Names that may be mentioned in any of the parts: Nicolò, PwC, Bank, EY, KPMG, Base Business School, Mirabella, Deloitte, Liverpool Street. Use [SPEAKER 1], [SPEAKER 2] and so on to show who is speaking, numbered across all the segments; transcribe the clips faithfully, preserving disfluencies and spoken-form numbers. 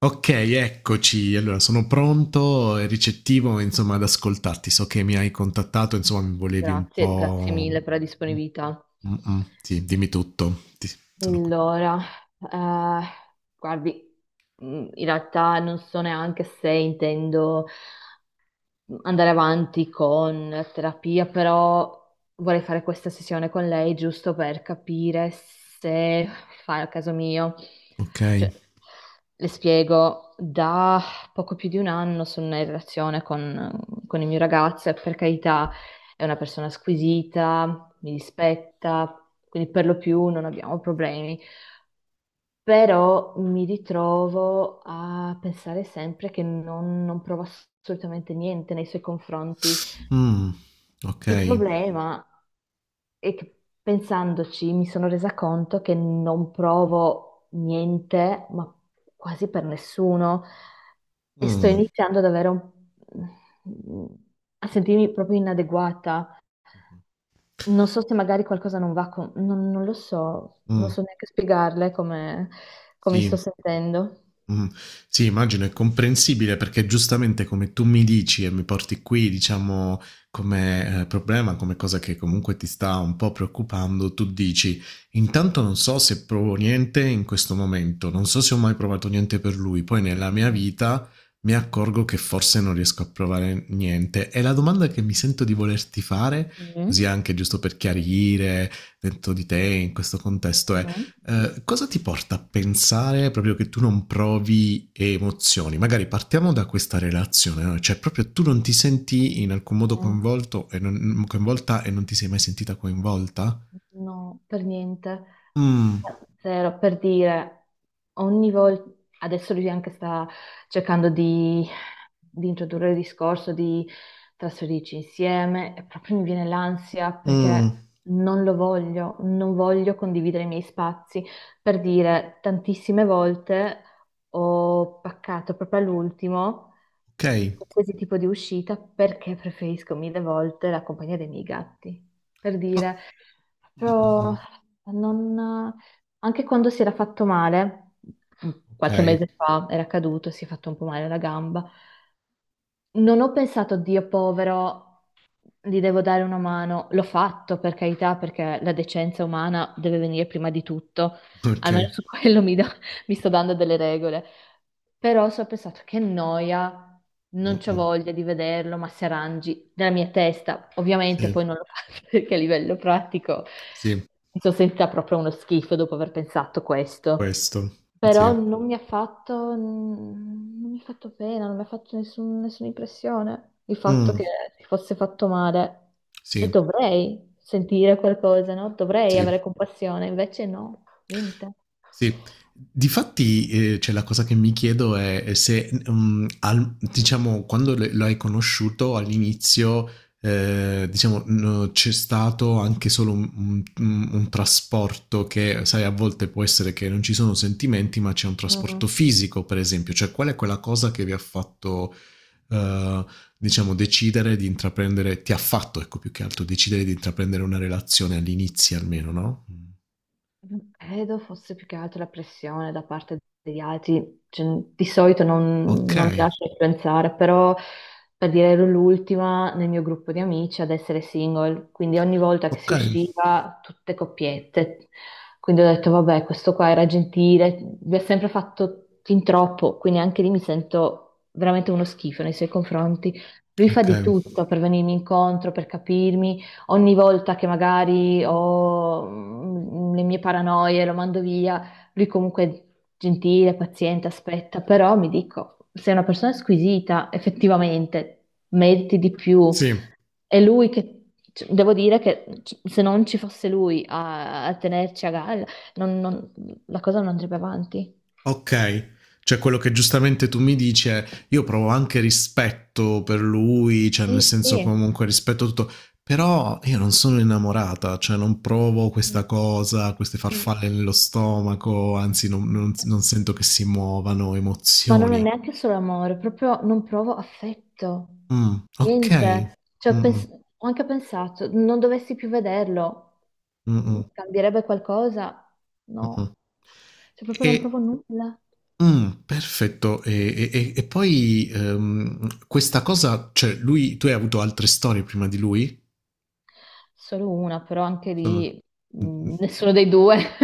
[SPEAKER 1] Ok, eccoci. Allora, sono pronto e ricettivo, insomma, ad ascoltarti. So che mi hai contattato, insomma, mi volevi un
[SPEAKER 2] Grazie, grazie
[SPEAKER 1] po'.
[SPEAKER 2] mille per la
[SPEAKER 1] Mm,
[SPEAKER 2] disponibilità.
[SPEAKER 1] mm, mm. Sì, dimmi tutto. Ti- sono qui.
[SPEAKER 2] Allora, eh, guardi, mh, in realtà non so neanche se intendo andare avanti con terapia, però vorrei fare questa sessione con lei giusto per capire se fa il caso mio.
[SPEAKER 1] Ok.
[SPEAKER 2] Cioè, le spiego, da poco più di un anno sono in relazione con, con il mio ragazzo, e per carità è una persona squisita, mi rispetta, quindi per lo più non abbiamo problemi. Però mi ritrovo a pensare sempre che non, non prova assolutamente niente nei suoi confronti.
[SPEAKER 1] Mm, ok.
[SPEAKER 2] Il problema è che pensandoci mi sono resa conto che non provo niente, ma quasi per nessuno, e sto
[SPEAKER 1] Mm,
[SPEAKER 2] iniziando ad avere un... a sentirmi proprio inadeguata. Non so se magari qualcosa non va con... Non, non lo so, non
[SPEAKER 1] mm,
[SPEAKER 2] so neanche spiegarle come, come mi sto
[SPEAKER 1] sì.
[SPEAKER 2] sentendo.
[SPEAKER 1] Mh. Sì, immagino è comprensibile perché giustamente come tu mi dici e mi porti qui, diciamo, come, ehm, problema, come cosa che comunque ti sta un po' preoccupando, tu dici: "Intanto non so se provo niente in questo momento, non so se ho mai provato niente per lui, poi nella mia
[SPEAKER 2] Mm,
[SPEAKER 1] vita mi accorgo che forse non riesco a provare niente". E la domanda che mi sento di volerti fare, così
[SPEAKER 2] mm,
[SPEAKER 1] anche giusto per chiarire dentro di te in questo contesto
[SPEAKER 2] mm.
[SPEAKER 1] è:
[SPEAKER 2] Mm, mhm.
[SPEAKER 1] eh, cosa ti porta a pensare proprio che tu non provi emozioni? Magari partiamo da questa relazione, no? Cioè proprio tu non ti senti in alcun modo
[SPEAKER 2] Mm,
[SPEAKER 1] coinvolto e non, mm, coinvolta e non ti sei mai sentita coinvolta?
[SPEAKER 2] no, per niente.
[SPEAKER 1] Mm,
[SPEAKER 2] Zero, per dire, ogni volta, adesso lui anche sta cercando di, di introdurre il discorso di trasferirci insieme, e proprio mi viene l'ansia
[SPEAKER 1] mm,
[SPEAKER 2] perché non lo voglio, non voglio condividere i miei spazi. Per dire, tantissime volte ho paccato proprio all'ultimo
[SPEAKER 1] ok.
[SPEAKER 2] qualsiasi tipo di uscita perché preferisco mille volte la compagnia dei miei gatti. Per
[SPEAKER 1] Oh,
[SPEAKER 2] dire,
[SPEAKER 1] mm, mm,
[SPEAKER 2] proprio
[SPEAKER 1] mm.
[SPEAKER 2] non- anche quando si era fatto male, mm,
[SPEAKER 1] Ok,
[SPEAKER 2] qualche mese fa era caduto, si è fatto un po' male alla gamba, non ho pensato, Dio povero, gli devo dare una mano. L'ho fatto per carità, perché la decenza umana deve venire prima di tutto.
[SPEAKER 1] ok.
[SPEAKER 2] Almeno su quello mi, do- mi sto dando delle regole. Però so, ho pensato, che noia,
[SPEAKER 1] Mm,
[SPEAKER 2] non c'ho
[SPEAKER 1] mm.
[SPEAKER 2] voglia di vederlo, ma se arrangi nella mia testa. Ovviamente
[SPEAKER 1] Sì,
[SPEAKER 2] poi non lo faccio perché a livello pratico
[SPEAKER 1] sì,
[SPEAKER 2] mi sono sentita proprio uno schifo dopo aver pensato questo,
[SPEAKER 1] questo,
[SPEAKER 2] però
[SPEAKER 1] sì.
[SPEAKER 2] non mi ha fatto, non mi ha fatto pena, non mi ha fatto nessun- nessuna impressione il fatto che
[SPEAKER 1] Mm,
[SPEAKER 2] si fosse fatto male. E
[SPEAKER 1] sì,
[SPEAKER 2] dovrei sentire qualcosa, no? Dovrei
[SPEAKER 1] sì.
[SPEAKER 2] avere compassione, invece no, niente.
[SPEAKER 1] Sì, difatti, ehm, cioè la cosa che mi chiedo è se, mhmm, al diciamo quando l lo hai conosciuto all'inizio, ehm, diciamo, n c'è stato anche solo un un un un trasporto che, sai, a volte può essere che non ci sono sentimenti, ma c'è un trasporto
[SPEAKER 2] Mm.
[SPEAKER 1] fisico, per esempio. Cioè, qual è quella cosa che vi ha fatto, ehm, diciamo decidere di intraprendere ti ha fatto, ecco, più che altro decidere di intraprendere una relazione all'inizio almeno, no, mh.
[SPEAKER 2] Credo fosse più che altro la pressione da parte degli altri. Cioè, di solito non, non mi
[SPEAKER 1] Okay,
[SPEAKER 2] lascio influenzare, però per dire ero l'ultima nel mio gruppo di amici ad essere single, quindi ogni volta che si
[SPEAKER 1] okay.
[SPEAKER 2] usciva tutte coppiette, quindi ho detto vabbè, questo qua era gentile, mi ha sempre fatto fin troppo, quindi anche lì mi sento veramente uno schifo nei suoi confronti. Lui fa
[SPEAKER 1] Ok,
[SPEAKER 2] di tutto per venirmi incontro, per capirmi ogni volta che magari ho mm, le mie paranoie, lo mando via, lui comunque è gentile, paziente, aspetta, però mi dico, sei una persona squisita, effettivamente, meriti di più.
[SPEAKER 1] sì,
[SPEAKER 2] È lui che, c- devo dire che c- se non ci fosse lui a, a tenerci a galla, non- non- la cosa non andrebbe avanti.
[SPEAKER 1] ok. Cioè quello che giustamente tu mi dici è io provo anche rispetto per lui, cioè nel
[SPEAKER 2] Sì,
[SPEAKER 1] senso
[SPEAKER 2] sì.
[SPEAKER 1] comunque rispetto tutto, però io non sono innamorata, cioè non provo
[SPEAKER 2] Mm,
[SPEAKER 1] questa cosa, queste
[SPEAKER 2] mm.
[SPEAKER 1] farfalle nello stomaco, anzi non, non- non sento che si muovano
[SPEAKER 2] Ma non è
[SPEAKER 1] emozioni.
[SPEAKER 2] neanche solo amore, proprio non provo affetto,
[SPEAKER 1] Mm, ok.
[SPEAKER 2] niente. Cioè,
[SPEAKER 1] Mm,
[SPEAKER 2] ho pens-
[SPEAKER 1] mm,
[SPEAKER 2] ho anche pensato, non dovessi più vederlo,
[SPEAKER 1] mm,
[SPEAKER 2] mm,
[SPEAKER 1] mm,
[SPEAKER 2] cambierebbe qualcosa?
[SPEAKER 1] mm, mm.
[SPEAKER 2] No, cioè proprio non provo
[SPEAKER 1] E
[SPEAKER 2] nulla.
[SPEAKER 1] Mh, perfetto. E e e e poi, ehm, questa cosa cioè lui tu hai avuto altre storie prima di lui?
[SPEAKER 2] Solo una, però anche
[SPEAKER 1] Sono
[SPEAKER 2] lì
[SPEAKER 1] mh, mh,
[SPEAKER 2] mh, nessuno dei due.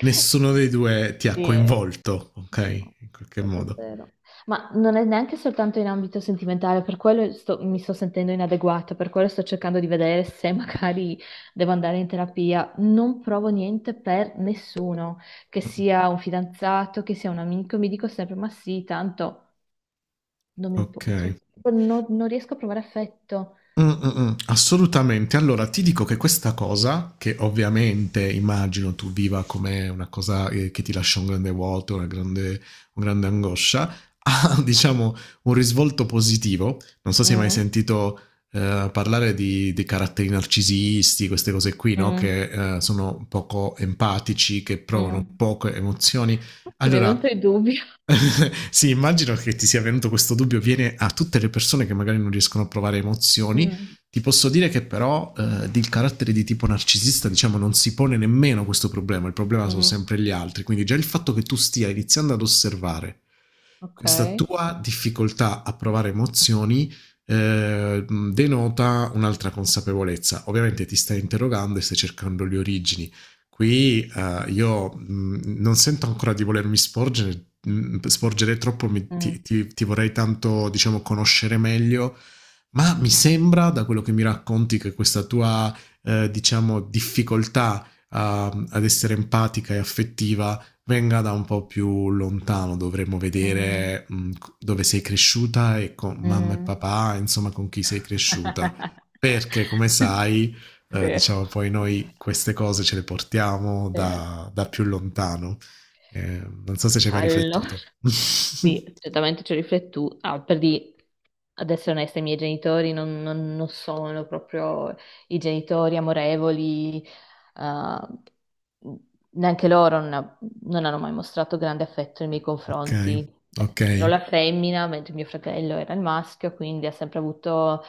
[SPEAKER 1] nessuno dei due ti ha
[SPEAKER 2] Sì.
[SPEAKER 1] coinvolto, okay,
[SPEAKER 2] No,
[SPEAKER 1] in qualche
[SPEAKER 2] proprio
[SPEAKER 1] modo.
[SPEAKER 2] zero. Ma non è neanche soltanto in ambito sentimentale, per quello sto- mi sto sentendo inadeguata, per quello sto cercando di vedere se magari devo andare in terapia. Non provo niente per nessuno, che
[SPEAKER 1] Mh-mh,
[SPEAKER 2] sia un fidanzato, che sia un amico, mi dico sempre, ma sì, tanto non mi impo- cioè,
[SPEAKER 1] okay.
[SPEAKER 2] non non riesco a provare affetto.
[SPEAKER 1] Mh, mh, mh, assolutamente. Allora ti dico che questa cosa, che ovviamente immagino tu viva come una cosa, ehm, che ti lascia un grande vuoto, una grande un grande angoscia, ha diciamo un risvolto positivo. Non so se hai mai
[SPEAKER 2] Mm,
[SPEAKER 1] sentito, ehm, parlare di dei caratteri narcisisti, queste cose qui, no,
[SPEAKER 2] mm,
[SPEAKER 1] che, ehm, sono poco empatici, che provano
[SPEAKER 2] mm.
[SPEAKER 1] poche emozioni.
[SPEAKER 2] Sì, mi è
[SPEAKER 1] Allora
[SPEAKER 2] venuto il dubbio.
[SPEAKER 1] sì, immagino che ti sia venuto questo dubbio, viene a tutte le persone che magari non riescono a provare emozioni.
[SPEAKER 2] Mm.
[SPEAKER 1] Ti posso dire che però eh, il carattere di tipo narcisista, diciamo, non si pone nemmeno questo problema, il problema sono
[SPEAKER 2] Mm,
[SPEAKER 1] sempre gli altri, quindi già il fatto che tu stia iniziando ad osservare questa
[SPEAKER 2] ok.
[SPEAKER 1] tua difficoltà a provare emozioni eh, denota un'altra consapevolezza. Ovviamente ti stai interrogando e stai cercando le origini. Qui eh, io mh, non sento ancora di volermi sporgere, mh, sporgere troppo, mi- ti,
[SPEAKER 2] Mm,
[SPEAKER 1] ti- ti vorrei tanto, diciamo, conoscere meglio, ma mi sembra, da quello che mi racconti, che questa tua, eh, diciamo, difficoltà a- ad essere empatica e affettiva venga da un po' più lontano, dovremmo
[SPEAKER 2] mm,
[SPEAKER 1] vedere mh, dove sei cresciuta e con mamma e
[SPEAKER 2] mm.
[SPEAKER 1] papà, insomma, con chi sei cresciuta. Perché, come sai, eh,
[SPEAKER 2] Sì.
[SPEAKER 1] diciamo poi noi queste cose ce le portiamo
[SPEAKER 2] Sì.
[SPEAKER 1] da, da più lontano. Eh, Non so se ci hai mai
[SPEAKER 2] Allora,
[SPEAKER 1] riflettuto.
[SPEAKER 2] sì, certamente ci ho riflettuto. Ah, per di, ad essere onesta, i miei genitori non, non- non sono proprio i genitori amorevoli, eh, neanche loro non, non hanno mai mostrato grande affetto nei miei
[SPEAKER 1] Ok,
[SPEAKER 2] confronti. Cioè,
[SPEAKER 1] ok,
[SPEAKER 2] ero la femmina, mentre mio fratello era il maschio, quindi ha sempre avuto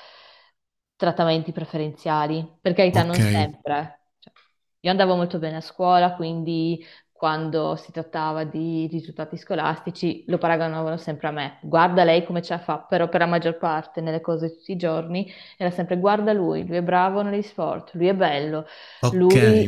[SPEAKER 2] trattamenti preferenziali. Per carità,
[SPEAKER 1] ok,
[SPEAKER 2] non sempre. eh. Cioè, io andavo molto bene a scuola, quindi quando si trattava di risultati scolastici lo paragonavano sempre a me. Guarda lei come ce la fa, però per la maggior parte, nelle cose di tutti i giorni, era sempre guarda lui, lui è bravo negli sport, lui è bello,
[SPEAKER 1] ok,
[SPEAKER 2] lui...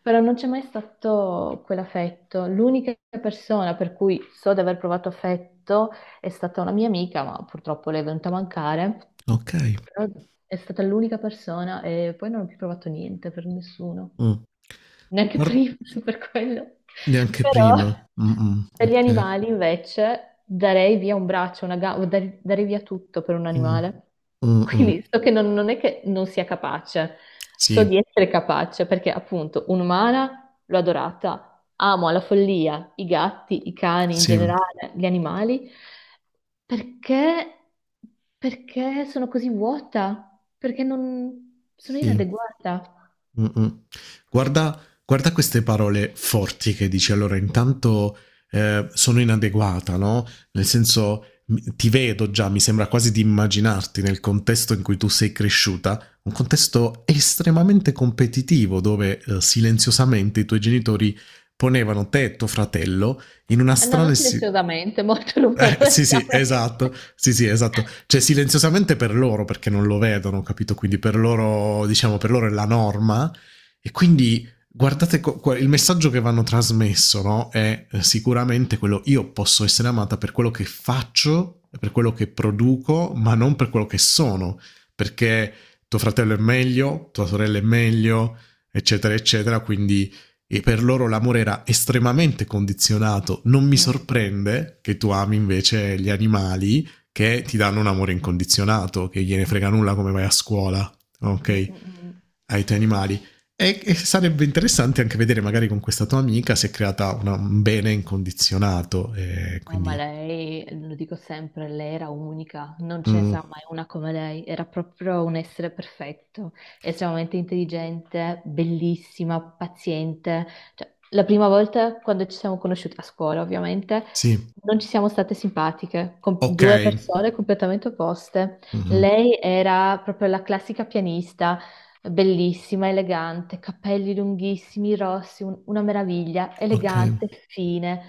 [SPEAKER 2] Però non c'è mai stato quell'affetto. L'unica persona per cui so di aver provato affetto è stata una mia amica, ma purtroppo lei è venuta a mancare.
[SPEAKER 1] ok.
[SPEAKER 2] Però è stata l'unica persona, e poi non ho più provato niente per nessuno
[SPEAKER 1] Mm.
[SPEAKER 2] neanche
[SPEAKER 1] Guarda,
[SPEAKER 2] prima per quello.
[SPEAKER 1] neanche
[SPEAKER 2] Però
[SPEAKER 1] prima. Mm-mm,
[SPEAKER 2] per gli
[SPEAKER 1] ok.
[SPEAKER 2] animali invece darei via un braccio, una gamba, darei, darei via tutto per un
[SPEAKER 1] Mm.
[SPEAKER 2] animale.
[SPEAKER 1] Mm-mm.
[SPEAKER 2] Quindi so che non, non è che non sia capace, so
[SPEAKER 1] Sì,
[SPEAKER 2] di essere capace perché appunto un'umana l'ho adorata, amo alla follia i gatti, i cani in
[SPEAKER 1] sì,
[SPEAKER 2] generale, gli animali. Perché, perché, sono così vuota, perché non sono
[SPEAKER 1] sì.
[SPEAKER 2] inadeguata.
[SPEAKER 1] Mh-mh. Guarda guarda queste parole forti che dici. Allora intanto, ehm, sono inadeguata, no, nel senso, mi ti vedo già, mi sembra quasi di immaginarti nel contesto in cui tu sei cresciuta, un contesto estremamente competitivo dove, ehm, silenziosamente i tuoi genitori ponevano te e tuo fratello in una
[SPEAKER 2] Eh, No,
[SPEAKER 1] strana
[SPEAKER 2] non
[SPEAKER 1] si
[SPEAKER 2] silenziosamente, molto
[SPEAKER 1] eh, sì, sì,
[SPEAKER 2] rumorosamente.
[SPEAKER 1] esatto. Sì, sì, esatto. Cioè, silenziosamente per loro, perché non lo vedono, capito? Quindi per loro, diciamo, per loro è la norma. E quindi guardate co- qua- il messaggio che vanno trasmesso, no? È eh, sicuramente quello, io posso essere amata per quello che faccio, per quello che produco, ma non per quello che sono, perché tuo fratello è meglio, tua sorella è meglio, eccetera, eccetera, quindi e per loro l'amore era estremamente condizionato, non mi
[SPEAKER 2] Mm,
[SPEAKER 1] sorprende che tu ami invece gli animali che ti danno un amore incondizionato, che gliene frega nulla come vai a scuola,
[SPEAKER 2] mm,
[SPEAKER 1] ok?
[SPEAKER 2] mm, mm.
[SPEAKER 1] Ai tuoi animali. E, e sarebbe interessante anche vedere magari con questa tua amica si è creata una, un bene incondizionato, eh,
[SPEAKER 2] Eh, ma
[SPEAKER 1] quindi.
[SPEAKER 2] lei, lo dico sempre, lei era unica, non ce ne
[SPEAKER 1] Mm,
[SPEAKER 2] sarà mai una come lei, era proprio un essere perfetto, estremamente intelligente, bellissima, paziente. Cioè, la prima volta quando ci siamo conosciute a scuola, ovviamente,
[SPEAKER 1] sì,
[SPEAKER 2] non ci siamo state simpatiche, con
[SPEAKER 1] ok.
[SPEAKER 2] due persone completamente opposte.
[SPEAKER 1] Mhm.
[SPEAKER 2] Lei era proprio la classica pianista, bellissima, elegante, capelli lunghissimi, rossi, un- una meraviglia,
[SPEAKER 1] Ok.
[SPEAKER 2] elegante, fine.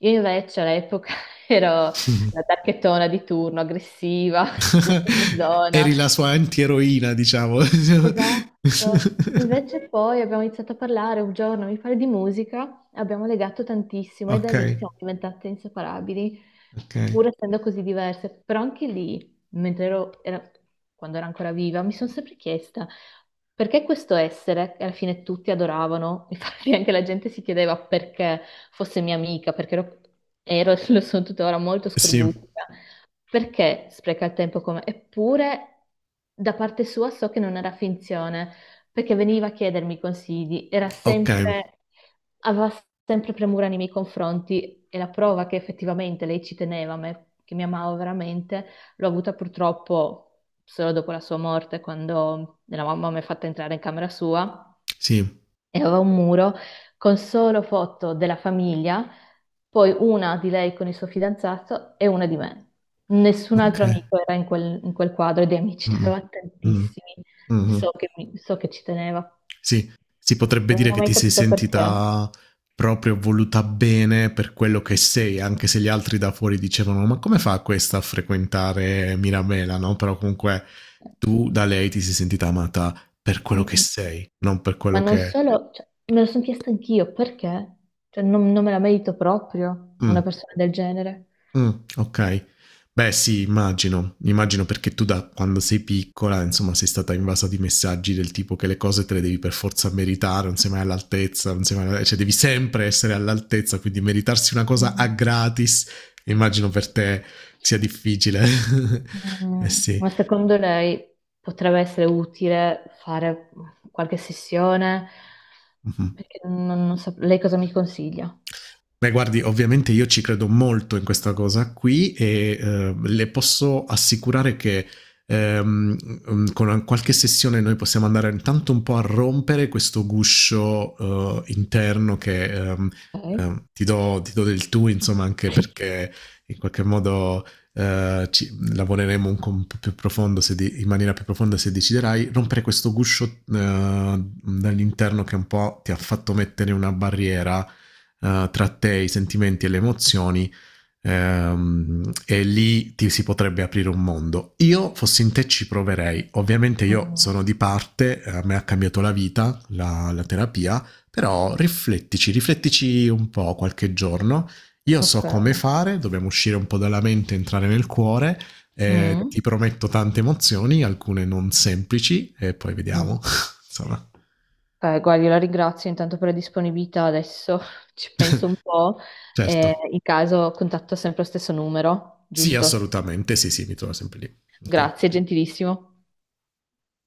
[SPEAKER 2] Io invece all'epoca ero
[SPEAKER 1] Mhm.
[SPEAKER 2] la tacchettona di turno, aggressiva, sempre in zona.
[SPEAKER 1] Eri la sua antieroina, diciamo.
[SPEAKER 2] Esatto. Invece poi abbiamo iniziato a parlare un giorno, mi pare, di musica, e abbiamo legato tantissimo, e da
[SPEAKER 1] Ok,
[SPEAKER 2] lì siamo diventate inseparabili,
[SPEAKER 1] ok.
[SPEAKER 2] pur essendo così diverse. Però anche lì, mentre ero, era- quando ero ancora viva, mi sono sempre chiesta perché questo essere, che alla fine tutti adoravano, infatti anche la gente si chiedeva perché fosse mia amica, perché ero, ero e lo sono tuttora molto
[SPEAKER 1] Sì,
[SPEAKER 2] scorbutica, perché spreca il tempo come... Eppure, da parte sua so che non era finzione, perché veniva a chiedermi consigli, era
[SPEAKER 1] ok,
[SPEAKER 2] sempre... aveva sempre premura nei miei confronti, e la prova che effettivamente lei ci teneva a me, che mi amava veramente, l'ho avuta purtroppo solo dopo la sua morte, quando la mamma mi ha fatta entrare in camera sua
[SPEAKER 1] sì,
[SPEAKER 2] e aveva un muro con solo foto della famiglia, poi una di lei con il suo fidanzato e una di me. Nessun
[SPEAKER 1] ok.
[SPEAKER 2] altro amico era in quel, in quel quadro, e di amici ne
[SPEAKER 1] Mm,
[SPEAKER 2] aveva
[SPEAKER 1] mm,
[SPEAKER 2] tantissimi.
[SPEAKER 1] mhm.
[SPEAKER 2] So che, mi- so che ci teneva,
[SPEAKER 1] Sì, si potrebbe
[SPEAKER 2] però
[SPEAKER 1] dire
[SPEAKER 2] non ho
[SPEAKER 1] che
[SPEAKER 2] mai
[SPEAKER 1] ti sei
[SPEAKER 2] capito perché.
[SPEAKER 1] sentita proprio voluta bene per quello che sei, anche se gli altri da fuori dicevano ma come fa questa a frequentare Mirabella, no? Però comunque tu da lei ti sei sentita amata per quello che
[SPEAKER 2] Mm.
[SPEAKER 1] sei, non per
[SPEAKER 2] Ma
[SPEAKER 1] quello
[SPEAKER 2] non
[SPEAKER 1] che.
[SPEAKER 2] solo, cioè, me lo sono chiesto anch'io, perché? Cioè, non, non me la merito proprio una
[SPEAKER 1] Mm,
[SPEAKER 2] persona del genere.
[SPEAKER 1] mh, okay. Beh sì, immagino. Immagino perché tu da quando sei piccola, insomma, sei stata invasa di messaggi del tipo che le cose te le devi per forza meritare, non sei mai all'altezza, non sei mai cioè devi sempre essere all'altezza, quindi meritarsi una cosa a gratis, immagino per te sia difficile. Eh
[SPEAKER 2] Mm.
[SPEAKER 1] sì.
[SPEAKER 2] Ma secondo lei potrebbe essere utile fare qualche sessione?
[SPEAKER 1] Mh-mh.
[SPEAKER 2] Perché non, non so, lei cosa mi consiglia?
[SPEAKER 1] Beh, guardi, ovviamente io ci credo molto in questa cosa qui e eh, le posso assicurare che ehm, mm, con una- qualche sessione noi possiamo andare intanto un po' a rompere questo guscio eh, interno che ehm,
[SPEAKER 2] Ok.
[SPEAKER 1] ehm, ti do, ti do del tu, insomma, anche perché in qualche modo eh, ci- lavoreremo un, co- un po' più profondo, se di- in maniera più profonda se deciderai, rompere questo guscio eh, dall'interno che un po' ti ha fatto mettere una barriera eh, tra te, i sentimenti e le emozioni ehm, e lì ti si potrebbe aprire un mondo. Io fossi in te ci proverei, ovviamente io
[SPEAKER 2] Mm,
[SPEAKER 1] sono di parte, a me ha cambiato la vita, la, la terapia, però riflettici, riflettici un po' qualche giorno. Io
[SPEAKER 2] ok.
[SPEAKER 1] so come fare, dobbiamo uscire un po' dalla mente, entrare nel cuore. Eh, ti
[SPEAKER 2] Mm,
[SPEAKER 1] prometto tante emozioni, alcune non semplici, e poi vediamo.
[SPEAKER 2] mm.
[SPEAKER 1] Insomma,
[SPEAKER 2] Beh, guardi, la ringrazio intanto per la disponibilità. Adesso ci penso un po' e
[SPEAKER 1] certo.
[SPEAKER 2] in caso contatto sempre lo stesso numero,
[SPEAKER 1] Sì,
[SPEAKER 2] giusto?
[SPEAKER 1] assolutamente, sì, sì, mi trovo sempre lì. Ok.
[SPEAKER 2] Grazie, gentilissimo.